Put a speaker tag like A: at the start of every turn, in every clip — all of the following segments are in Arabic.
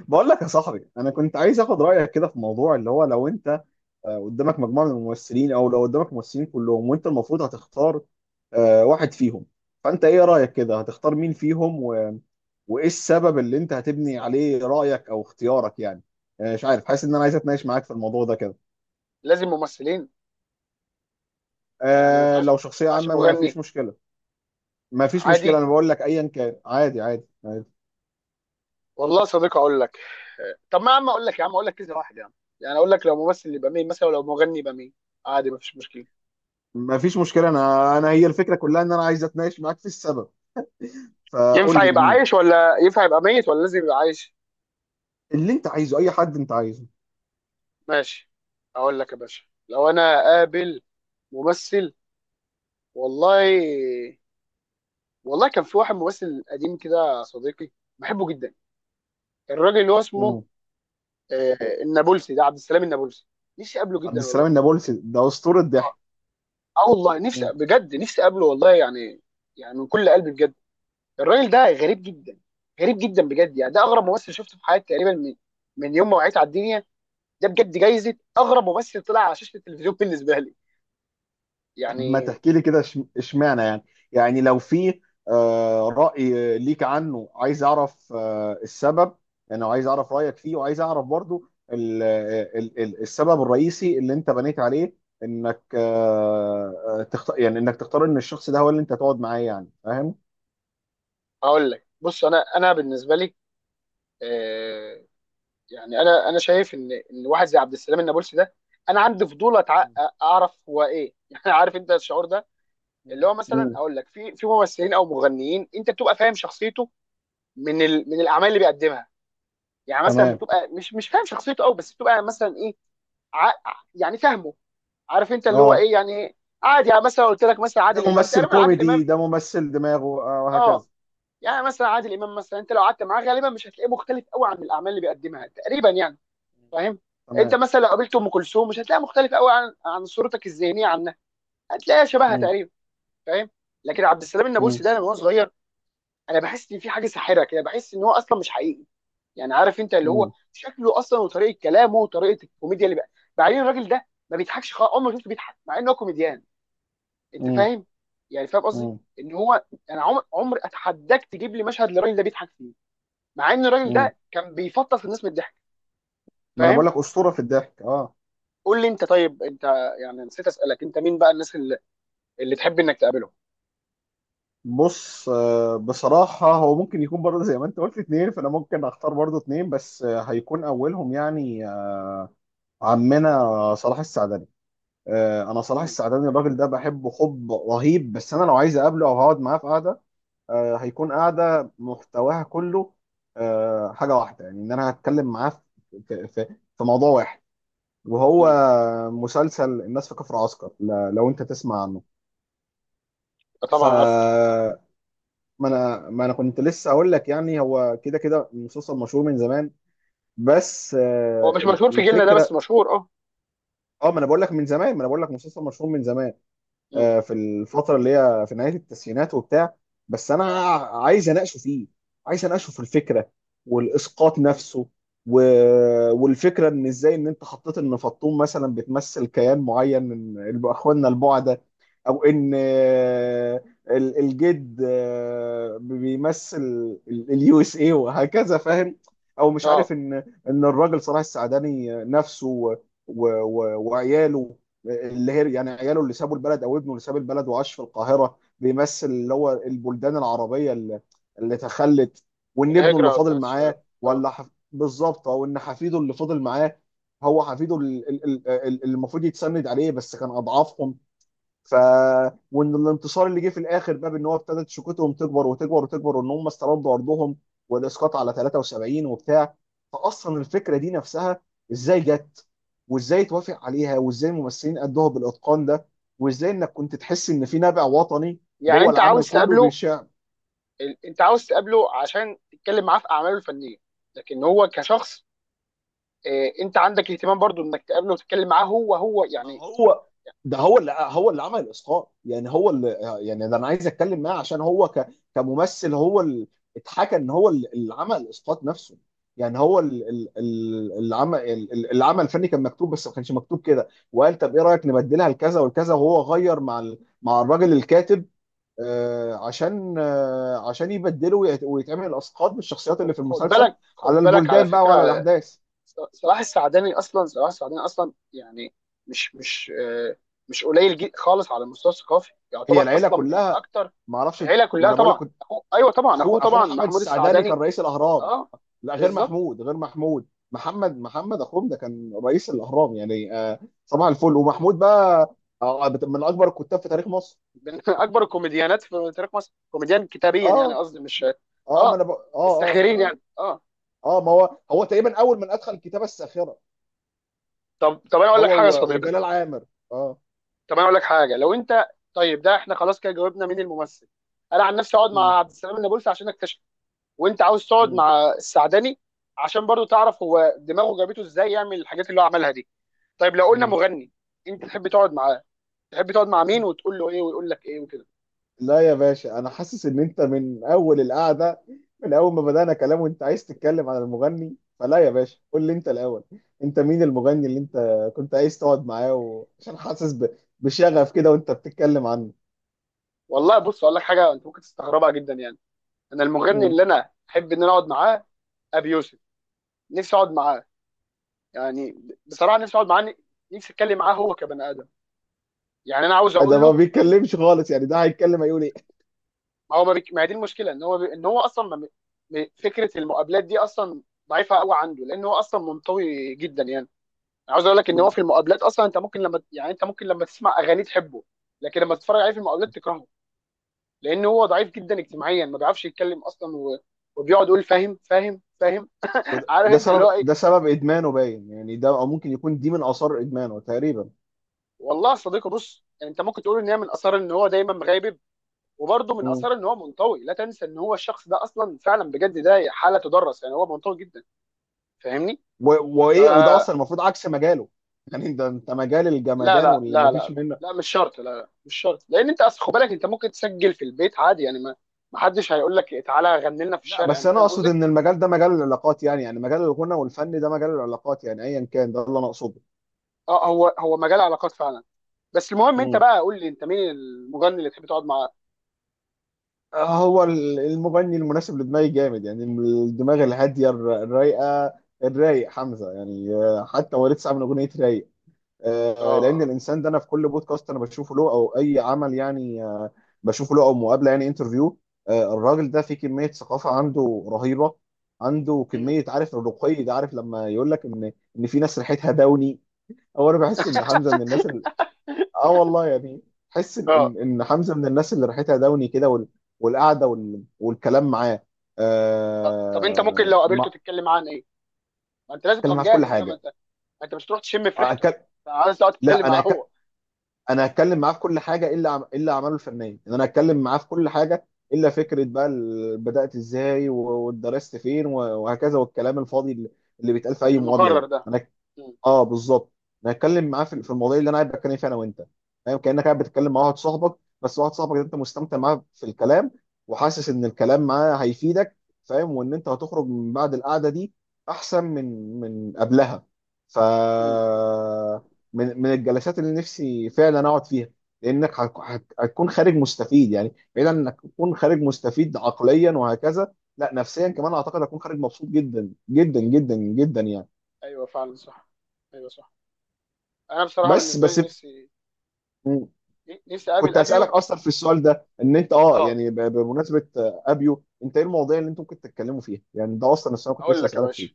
A: بقول لك يا صاحبي، انا كنت عايز اخد رايك كده في موضوع اللي هو لو انت قدامك مجموعه من الممثلين، او لو قدامك ممثلين كلهم وانت المفروض هتختار واحد فيهم. فانت ايه رايك كده، هتختار مين فيهم وايه السبب اللي انت هتبني عليه رايك او اختيارك يعني؟ مش عارف، حاسس ان انا عايز اتناقش معاك في الموضوع ده كده.
B: لازم ممثلين. يعني ما ينفعش
A: لو
B: ما
A: شخصيه
B: ينفعش
A: عامه ما فيش
B: مغني
A: مشكله. ما فيش مشكله،
B: عادي.
A: انا بقول لك ايا كان، عادي عادي, عادي.
B: والله صديق اقول لك. طب ما يا عم اقول لك، يا عم اقول لك كذا واحد يا عم، يعني اقول لك لو ممثل يبقى مين مثلا، ولو مغني يبقى مين. عادي مفيش مشكله.
A: ما فيش مشكله، انا هي الفكره كلها ان انا عايز اتناقش معاك في السبب، فقول
B: ينفع
A: لي
B: يبقى
A: مين
B: عايش ولا ينفع يبقى ميت ولا لازم يبقى عايش؟
A: اللي انت عايزه. اي حد انت عايزه.
B: ماشي. اقول لك يا باشا، لو انا قابل ممثل، والله والله كان في واحد ممثل قديم كده يا صديقي بحبه جدا. الراجل اللي هو اسمه
A: مم.
B: النابلسي، ده عبد السلام النابلسي. نفسي اقابله
A: عبد
B: جدا
A: السلام
B: والله.
A: النابلسي ده اسطوره ضحك.
B: اه والله نفسي
A: مم.
B: بجد، نفسي اقابله والله يعني، يعني من كل قلبي بجد. الراجل ده غريب جدا، غريب جدا بجد. يعني ده اغرب ممثل شفته في حياتي تقريبا، من من يوم ما وعيت على الدنيا. ده بجد جايزه اغرب ممثل طلع على شاشه التلفزيون بالنسبه لي
A: طب ما
B: يعني.
A: تحكي لي كده، اشمعنى يعني؟ يعني لو في رأي ليك عنه، عايز اعرف السبب. يعني عايز اعرف رأيك فيه، وعايز اعرف برضو السبب الرئيسي اللي انت بنيت عليه، انك آه، آه، تختار يعني انك تختار ان الشخص ده هو اللي انت تقعد معاه، يعني فاهم.
B: اقول لك بص، انا بالنسبه لي، آه، يعني انا شايف ان واحد زي عبد السلام النابلسي ده، انا عندي فضول
A: مم.
B: اعرف هو ايه يعني. عارف انت الشعور ده، اللي هو مثلا
A: مم.
B: اقول لك، في ممثلين او مغنيين انت بتبقى فاهم شخصيته من ال... من الاعمال اللي بيقدمها. يعني مثلا
A: تمام.
B: بتبقى مش فاهم شخصيته قوي، بس بتبقى مثلا ايه، ع... يعني فاهمه، عارف انت اللي هو
A: اه،
B: ايه يعني. عادي يعني، مثلا قلت لك مثلا
A: ده
B: عادل امام،
A: ممثل
B: تقريبا عادل
A: كوميدي،
B: امام،
A: ده ممثل دماغه
B: اه،
A: وهكذا.
B: يعني مثلا عادل امام مثلا انت لو قعدت معاه غالبا مش هتلاقيه مختلف قوي عن الاعمال اللي بيقدمها تقريبا يعني. فاهم؟ انت
A: تمام.
B: مثلا لو قابلت ام كلثوم مش هتلاقيها مختلف قوي عن صورتك الذهنيه عنها، هتلاقيها شبهها
A: مم.
B: تقريبا. فاهم؟ لكن عبد السلام النابلسي
A: مم.
B: ده، انا من وانا صغير انا بحس ان في حاجه ساحره كده، بحس ان هو اصلا مش حقيقي. يعني عارف انت اللي هو
A: مم.
B: شكله اصلا، وطريقه كلامه، وطريقه الكوميديا اللي بقى. بعدين الراجل ده ما بيضحكش خالص، عمري ما شفته بيضحك مع انه كوميديان. انت
A: مم.
B: فاهم؟ يعني فاهم قصدي،
A: مم.
B: ان هو، انا عمر اتحداك تجيب لي مشهد للراجل ده بيضحك فيه، مع ان الراجل
A: مم.
B: ده كان بيفطس الناس من الضحك.
A: ما انا
B: فاهم؟
A: بقول لك اسطوره في الضحك، اه.
B: قول لي انت طيب، انت، يعني نسيت اسالك، انت مين بقى الناس اللي، اللي تحب انك تقابلهم؟
A: بص، بصراحه هو ممكن يكون برضه زي ما انت قلت اتنين، فانا ممكن اختار برضه اتنين، بس هيكون اولهم يعني عمنا صلاح السعدني. انا صلاح
B: مم.
A: السعدني الراجل ده بحبه حب رهيب، بس انا لو عايز اقابله او هقعد معاه في قعده هيكون قعده محتواها كله حاجه واحده، يعني ان انا هتكلم معاه في موضوع واحد. وهو
B: مم.
A: مسلسل الناس في كفر عسكر، لو انت تسمع عنه.
B: آه
A: ف
B: طبعا عارفه طبعا.
A: ما انا كنت لسه اقول لك يعني هو كده كده مسلسل مشهور من زمان. بس
B: هو مش مشهور في جيلنا ده، بس
A: الفكره.
B: مشهور اه.
A: اه، ما انا بقول لك من زمان، ما انا بقول لك مسلسل مشهور من زمان.
B: مم.
A: في الفتره اللي هي في نهايه التسعينات وبتاع. بس انا عايز اناقشه فيه، عايز اناقشه في الفكره والاسقاط نفسه و... والفكره ان ازاي، ان انت حطيت ان فطوم مثلا بتمثل كيان معين من اخواننا البعده، او ان الجد بيمثل اليو اس اي وهكذا، فاهم؟ او مش عارف
B: اه.
A: ان الراجل صلاح السعداني نفسه وعياله، اللي هي يعني عياله اللي سابوا البلد، او ابنه اللي ساب البلد وعاش في القاهره، بيمثل اللي هو البلدان العربيه اللي تخلت. وان ابنه اللي
B: الهجره
A: فاضل
B: بتاعت الشباب.
A: معاه
B: اه.
A: ولا بالظبط، او ان حفيده اللي فاضل معاه هو حفيده اللي المفروض يتسند عليه، بس كان اضعافهم. ف وان الانتصار اللي جه في الاخر بقى، بان هو ابتدت شوكتهم تكبر وتكبر وتكبر، وان هم استردوا ارضهم، والاسقاط على 73 وبتاع. فاصلا الفكره دي نفسها ازاي جت، وازاي توافق عليها، وازاي الممثلين ادوها بالاتقان ده، وازاي انك كنت تحس ان في نبع وطني
B: يعني
A: جوه
B: انت
A: العمل
B: عاوز
A: كله.
B: تقابله، انت عاوز تقابله عشان تتكلم معاه في اعماله الفنيه، لكن هو كشخص انت عندك اهتمام برضو انك تقابله وتتكلم معاه هو
A: ما
B: يعني.
A: هو ده هو اللي عمل الاسقاط يعني. هو اللي يعني ده انا عايز اتكلم معاه، عشان هو كممثل هو اللي اتحكى ان هو اللي عمل الاسقاط نفسه. يعني هو العمل الفني كان مكتوب، بس ما كانش مكتوب كده، وقال طب ايه رايك نبدلها لكذا والكذا، وهو غير مع مع الراجل الكاتب عشان يبدله ويتعمل الاسقاط بالشخصيات اللي
B: خد
A: في المسلسل
B: بالك،
A: على
B: خد بالك على
A: البلدان بقى
B: فكره،
A: وعلى الاحداث.
B: صلاح السعداني اصلا، صلاح السعداني اصلا يعني، مش مش آه، مش خالص على المستوى الثقافي،
A: هي
B: يعتبر
A: العيله
B: اصلا من
A: كلها،
B: اكتر.
A: ما اعرفش.
B: العيله
A: ما
B: كلها
A: انا بقول لك،
B: طبعا، ايوه طبعا، اخوه
A: اخوه اخوه
B: طبعا
A: محمد
B: محمود
A: السعداني كان
B: السعداني.
A: رئيس الاهرام.
B: اه
A: لا، غير
B: بالظبط.
A: محمود، غير محمود، محمد اخوهم ده كان رئيس الاهرام يعني صباح الفل. ومحمود بقى من اكبر الكتاب في تاريخ مصر.
B: من اكبر الكوميديانات في تاريخ مصر، كوميديان كتابيا يعني،
A: اه،
B: قصدي مش،
A: اه، ما انا
B: اه،
A: اه، اه،
B: الساخرين
A: اه،
B: يعني اه.
A: اه، ما هو تقريبا اول من ادخل الكتابه الساخره،
B: طب انا اقول لك
A: هو
B: حاجه يا صديقي،
A: وجلال عامر. اه.
B: طب انا اقول لك حاجه لو انت، طيب ده احنا خلاص كده جاوبنا مين الممثل. انا عن نفسي اقعد
A: م-
B: مع عبد السلام النابلسي عشان اكتشف، وانت عاوز تقعد
A: م-
B: مع السعداني عشان برضو تعرف هو دماغه جابته ازاي يعمل الحاجات اللي هو عملها دي. طيب لو قلنا
A: م.
B: مغني، انت تحب تقعد معاه، تحب تقعد مع مين وتقول له ايه ويقول لك ايه وكده؟
A: لا يا باشا، انا حاسس ان انت من اول القعده، من اول ما بدانا كلام، وانت عايز تتكلم عن المغني، فلا يا باشا قول لي انت الاول، انت مين المغني اللي انت كنت عايز تقعد معاه عشان حاسس بشغف كده وانت بتتكلم عنه؟
B: والله بص اقول لك حاجه انت ممكن تستغربها جدا يعني. انا المغني
A: مم.
B: اللي انا احب ان انا اقعد معاه، ابي يوسف. نفسي اقعد معاه. يعني بصراحه نفسي اقعد معاه، نفسي اتكلم معاه هو كبني ادم. يعني انا عاوز
A: ده
B: اقول
A: ما
B: له،
A: بيتكلمش خالص، يعني ده هيتكلم هيقول ايه؟
B: ما هو ما هي دي المشكله، ان هو ان هو اصلا ما... م- فكره المقابلات دي اصلا ضعيفه قوي عنده، لان هو اصلا منطوي جدا يعني. أنا عاوز اقول لك ان هو
A: مم.
B: في المقابلات اصلا، انت ممكن لما، يعني انت ممكن لما تسمع اغاني تحبه، لكن لما تتفرج عليه في المقابلات تكرهه، لان هو ضعيف جدا اجتماعيا، ما بيعرفش يتكلم اصلا، و... وبيقعد يقول فاهم فاهم فاهم.
A: وده
B: عارف
A: ده
B: انت اللي
A: سبب
B: هو ايه.
A: ده سبب ادمانه باين، يعني ده، او ممكن يكون دي من اثار ادمانه تقريبا.
B: والله يا صديقي بص، يعني انت ممكن تقول ان هي من اثار ان هو دايما مغيب، وبرده من
A: مم.
B: اثار ان هو منطوي. لا تنسى ان هو الشخص ده اصلا، فعلا بجد ده حاله تدرس، يعني هو منطوي جدا. فاهمني؟
A: وايه، وده
B: فلا،
A: اصلا المفروض عكس مجاله. يعني انت مجال
B: لا
A: الجمدان
B: لا
A: واللي ما
B: لا
A: فيش
B: لا
A: منه.
B: لا مش شرط، لا لا مش شرط، لان انت اصل خد بالك، انت ممكن تسجل في البيت عادي يعني، ما حدش هيقول لك تعالى غني لنا في
A: لا،
B: الشارع
A: بس
B: يعني.
A: انا
B: فاهم
A: اقصد
B: قصدي؟
A: ان المجال ده مجال العلاقات، يعني مجال الغنى والفن ده مجال العلاقات، يعني ايا كان ده اللي انا اقصده.
B: اه، هو مجال علاقات فعلا، بس المهم انت
A: مم.
B: بقى قول لي انت مين المغني اللي تحب تقعد معاه.
A: هو المغني المناسب لدماغي جامد، يعني الدماغ الهاديه الرايقه، الرايق حمزه يعني، حتى هو لسه عامل اغنيه رايق. لان
B: اه.
A: الانسان ده انا في كل بودكاست انا بشوفه له او اي عمل يعني، بشوفه له او مقابله، يعني انترفيو. الراجل ده فيه كميه ثقافه عنده رهيبه، عنده
B: مم.
A: كميه، عارف الرقي ده، عارف لما يقول لك ان في ناس ريحتها دوني. هو انا بحس ان حمزه من الناس اللي، اه والله يعني، بحس ان
B: اه.
A: إن حمزه من الناس اللي ريحتها دوني كده، والقعده والكلام معاه.
B: طب انت ممكن لو
A: آه... ما...
B: قابلته تتكلم معاه عن ايه؟ ما انت لازم
A: اتكلم
B: تبقى
A: معاه في كل
B: مجهز بقى، ما
A: حاجه.
B: انت ما انت مش تروح تشم في ريحته،
A: أكل...
B: انت عايز تقعد تتكلم
A: لا، انا
B: معاه هو.
A: انا هتكلم معاه في كل حاجه، الا الا اعماله الفنيه، ان انا هتكلم معاه في كل حاجه، الا فكره بقى بدات ازاي، واتدرست فين، وهكذا، والكلام الفاضي اللي بيتقال في اي مقابله
B: المقرر
A: ده،
B: ده.
A: انا.
B: مم.
A: اه، بالظبط. نتكلم معاه في في المواضيع اللي انا قاعد بتكلم فيها انا وانت، فاهم؟ كانك قاعد بتتكلم مع واحد صاحبك، بس واحد صاحبك ده انت مستمتع معاه في الكلام، وحاسس ان الكلام معاه هيفيدك، فاهم؟ وان انت هتخرج من بعد القعده دي احسن من قبلها. ف
B: مم.
A: من الجلسات اللي نفسي فعلا اقعد فيها، لانك هتكون خارج مستفيد، يعني بعيد عن انك تكون خارج مستفيد عقليا وهكذا، لا نفسيا كمان، اعتقد هتكون خارج مبسوط جدا جدا جدا جدا يعني.
B: ايوه فعلا صح، ايوه صح. انا بصراحه
A: بس
B: بالنسبه
A: بس
B: لي، نفسي اقابل
A: كنت هسألك
B: ابيو.
A: اصلا في السؤال ده، ان انت اه
B: اه.
A: يعني بمناسبة ابيو، انت ايه المواضيع اللي انتم ممكن تتكلموا فيها يعني؟ ده اصلا السؤال كنت
B: هقول
A: لسه
B: لك يا
A: هسألك فيه.
B: باشا،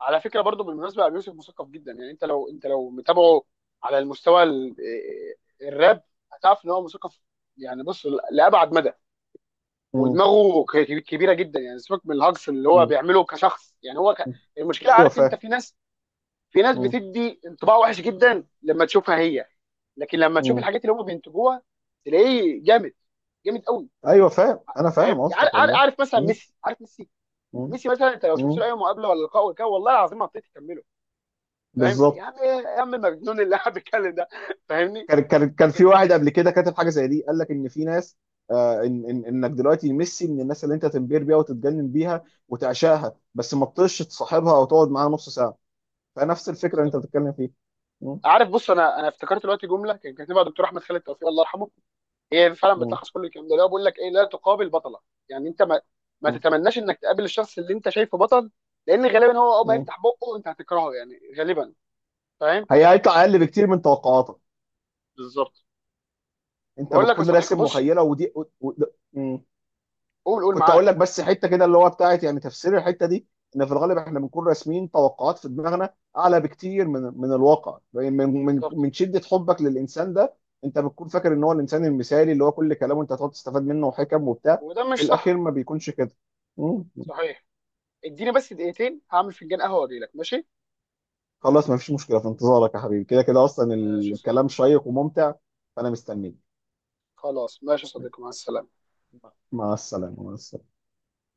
B: على فكره برضو بالمناسبه، ابي يوسف مثقف جدا يعني، انت لو متابعه على المستوى الراب هتعرف ان هو مثقف. يعني بص، لابعد مدى،
A: مم.
B: ودماغه كبيره جدا يعني، سيبك من الهجص اللي هو
A: مم.
B: بيعمله كشخص، يعني هو
A: مم.
B: المشكله،
A: ايوه،
B: عارف انت
A: فاهم.
B: في ناس، في ناس
A: مم.
B: بتدي انطباع وحش جدا لما تشوفها هي، لكن لما تشوف
A: مم.
B: الحاجات اللي هم بينتجوها تلاقيه جامد، جامد قوي.
A: ايوه، فاهم. انا
B: فاهم؟
A: فاهم قصدك والله.
B: عارف مثلا
A: مم.
B: ميسي، عارف ميسي؟
A: مم.
B: ميسي مثلا انت لو شفت
A: مم.
B: له اي مقابله ولا لقاء ولا كده، والله العظيم ما بتقدر تكمله. فاهم يا
A: بالظبط.
B: عم؟ يا عم المجنون اللي قاعد بيتكلم ده. فاهمني؟
A: كان في
B: لكن،
A: واحد قبل كده كاتب حاجه زي دي، قال لك ان في ناس، إن انك دلوقتي ميسي من الناس اللي انت تنبهر بيها وتتجنن بيها وتعشاها، بس ما تطيش تصاحبها او تقعد معاها نص ساعه. فنفس الفكره اللي
B: بالظبط.
A: انت بتتكلم فيها. مم.
B: عارف، بص، انا افتكرت دلوقتي جمله كان كاتبها دكتور احمد خالد توفيق الله يرحمه، هي فعلا بتلخص كل الكلام ده، اللي هو بيقول لك ايه، لا تقابل بطله. يعني انت ما
A: مم.
B: تتمناش انك تقابل الشخص اللي انت شايفه بطل، لان غالبا هو اول ما
A: مم.
B: يفتح بقه انت هتكرهه يعني غالبا. فاهم؟
A: هيطلع اقل بكتير من توقعاتك،
B: بالظبط.
A: انت
B: بقول لك يا
A: بتكون
B: صديقي
A: راسم
B: بص،
A: مخيله ودي مم.
B: قول
A: كنت اقول
B: معاك.
A: لك بس حته كده، اللي هو بتاعت يعني تفسير الحته دي، ان في الغالب احنا بنكون راسمين توقعات في دماغنا اعلى بكتير من الواقع، يعني من من
B: بالظبط.
A: من شده حبك للانسان ده، انت بتكون فاكر ان هو الانسان المثالي اللي هو كل كلامه انت هتقعد تستفاد منه وحكم وبتاع.
B: وده مش
A: في الاخير
B: صح.
A: ما بيكونش كده. مم.
B: صحيح. اديني بس دقيقتين هعمل فنجان قهوه واجي لك، ماشي؟
A: خلاص، ما فيش مشكله، في انتظارك يا حبيبي، كده كده اصلا
B: ماشي يا
A: الكلام
B: صديقي.
A: شيق وممتع، فانا مستنيك.
B: خلاص ماشي يا صديقي، مع السلامه.
A: مع السلامه، مع السلامه.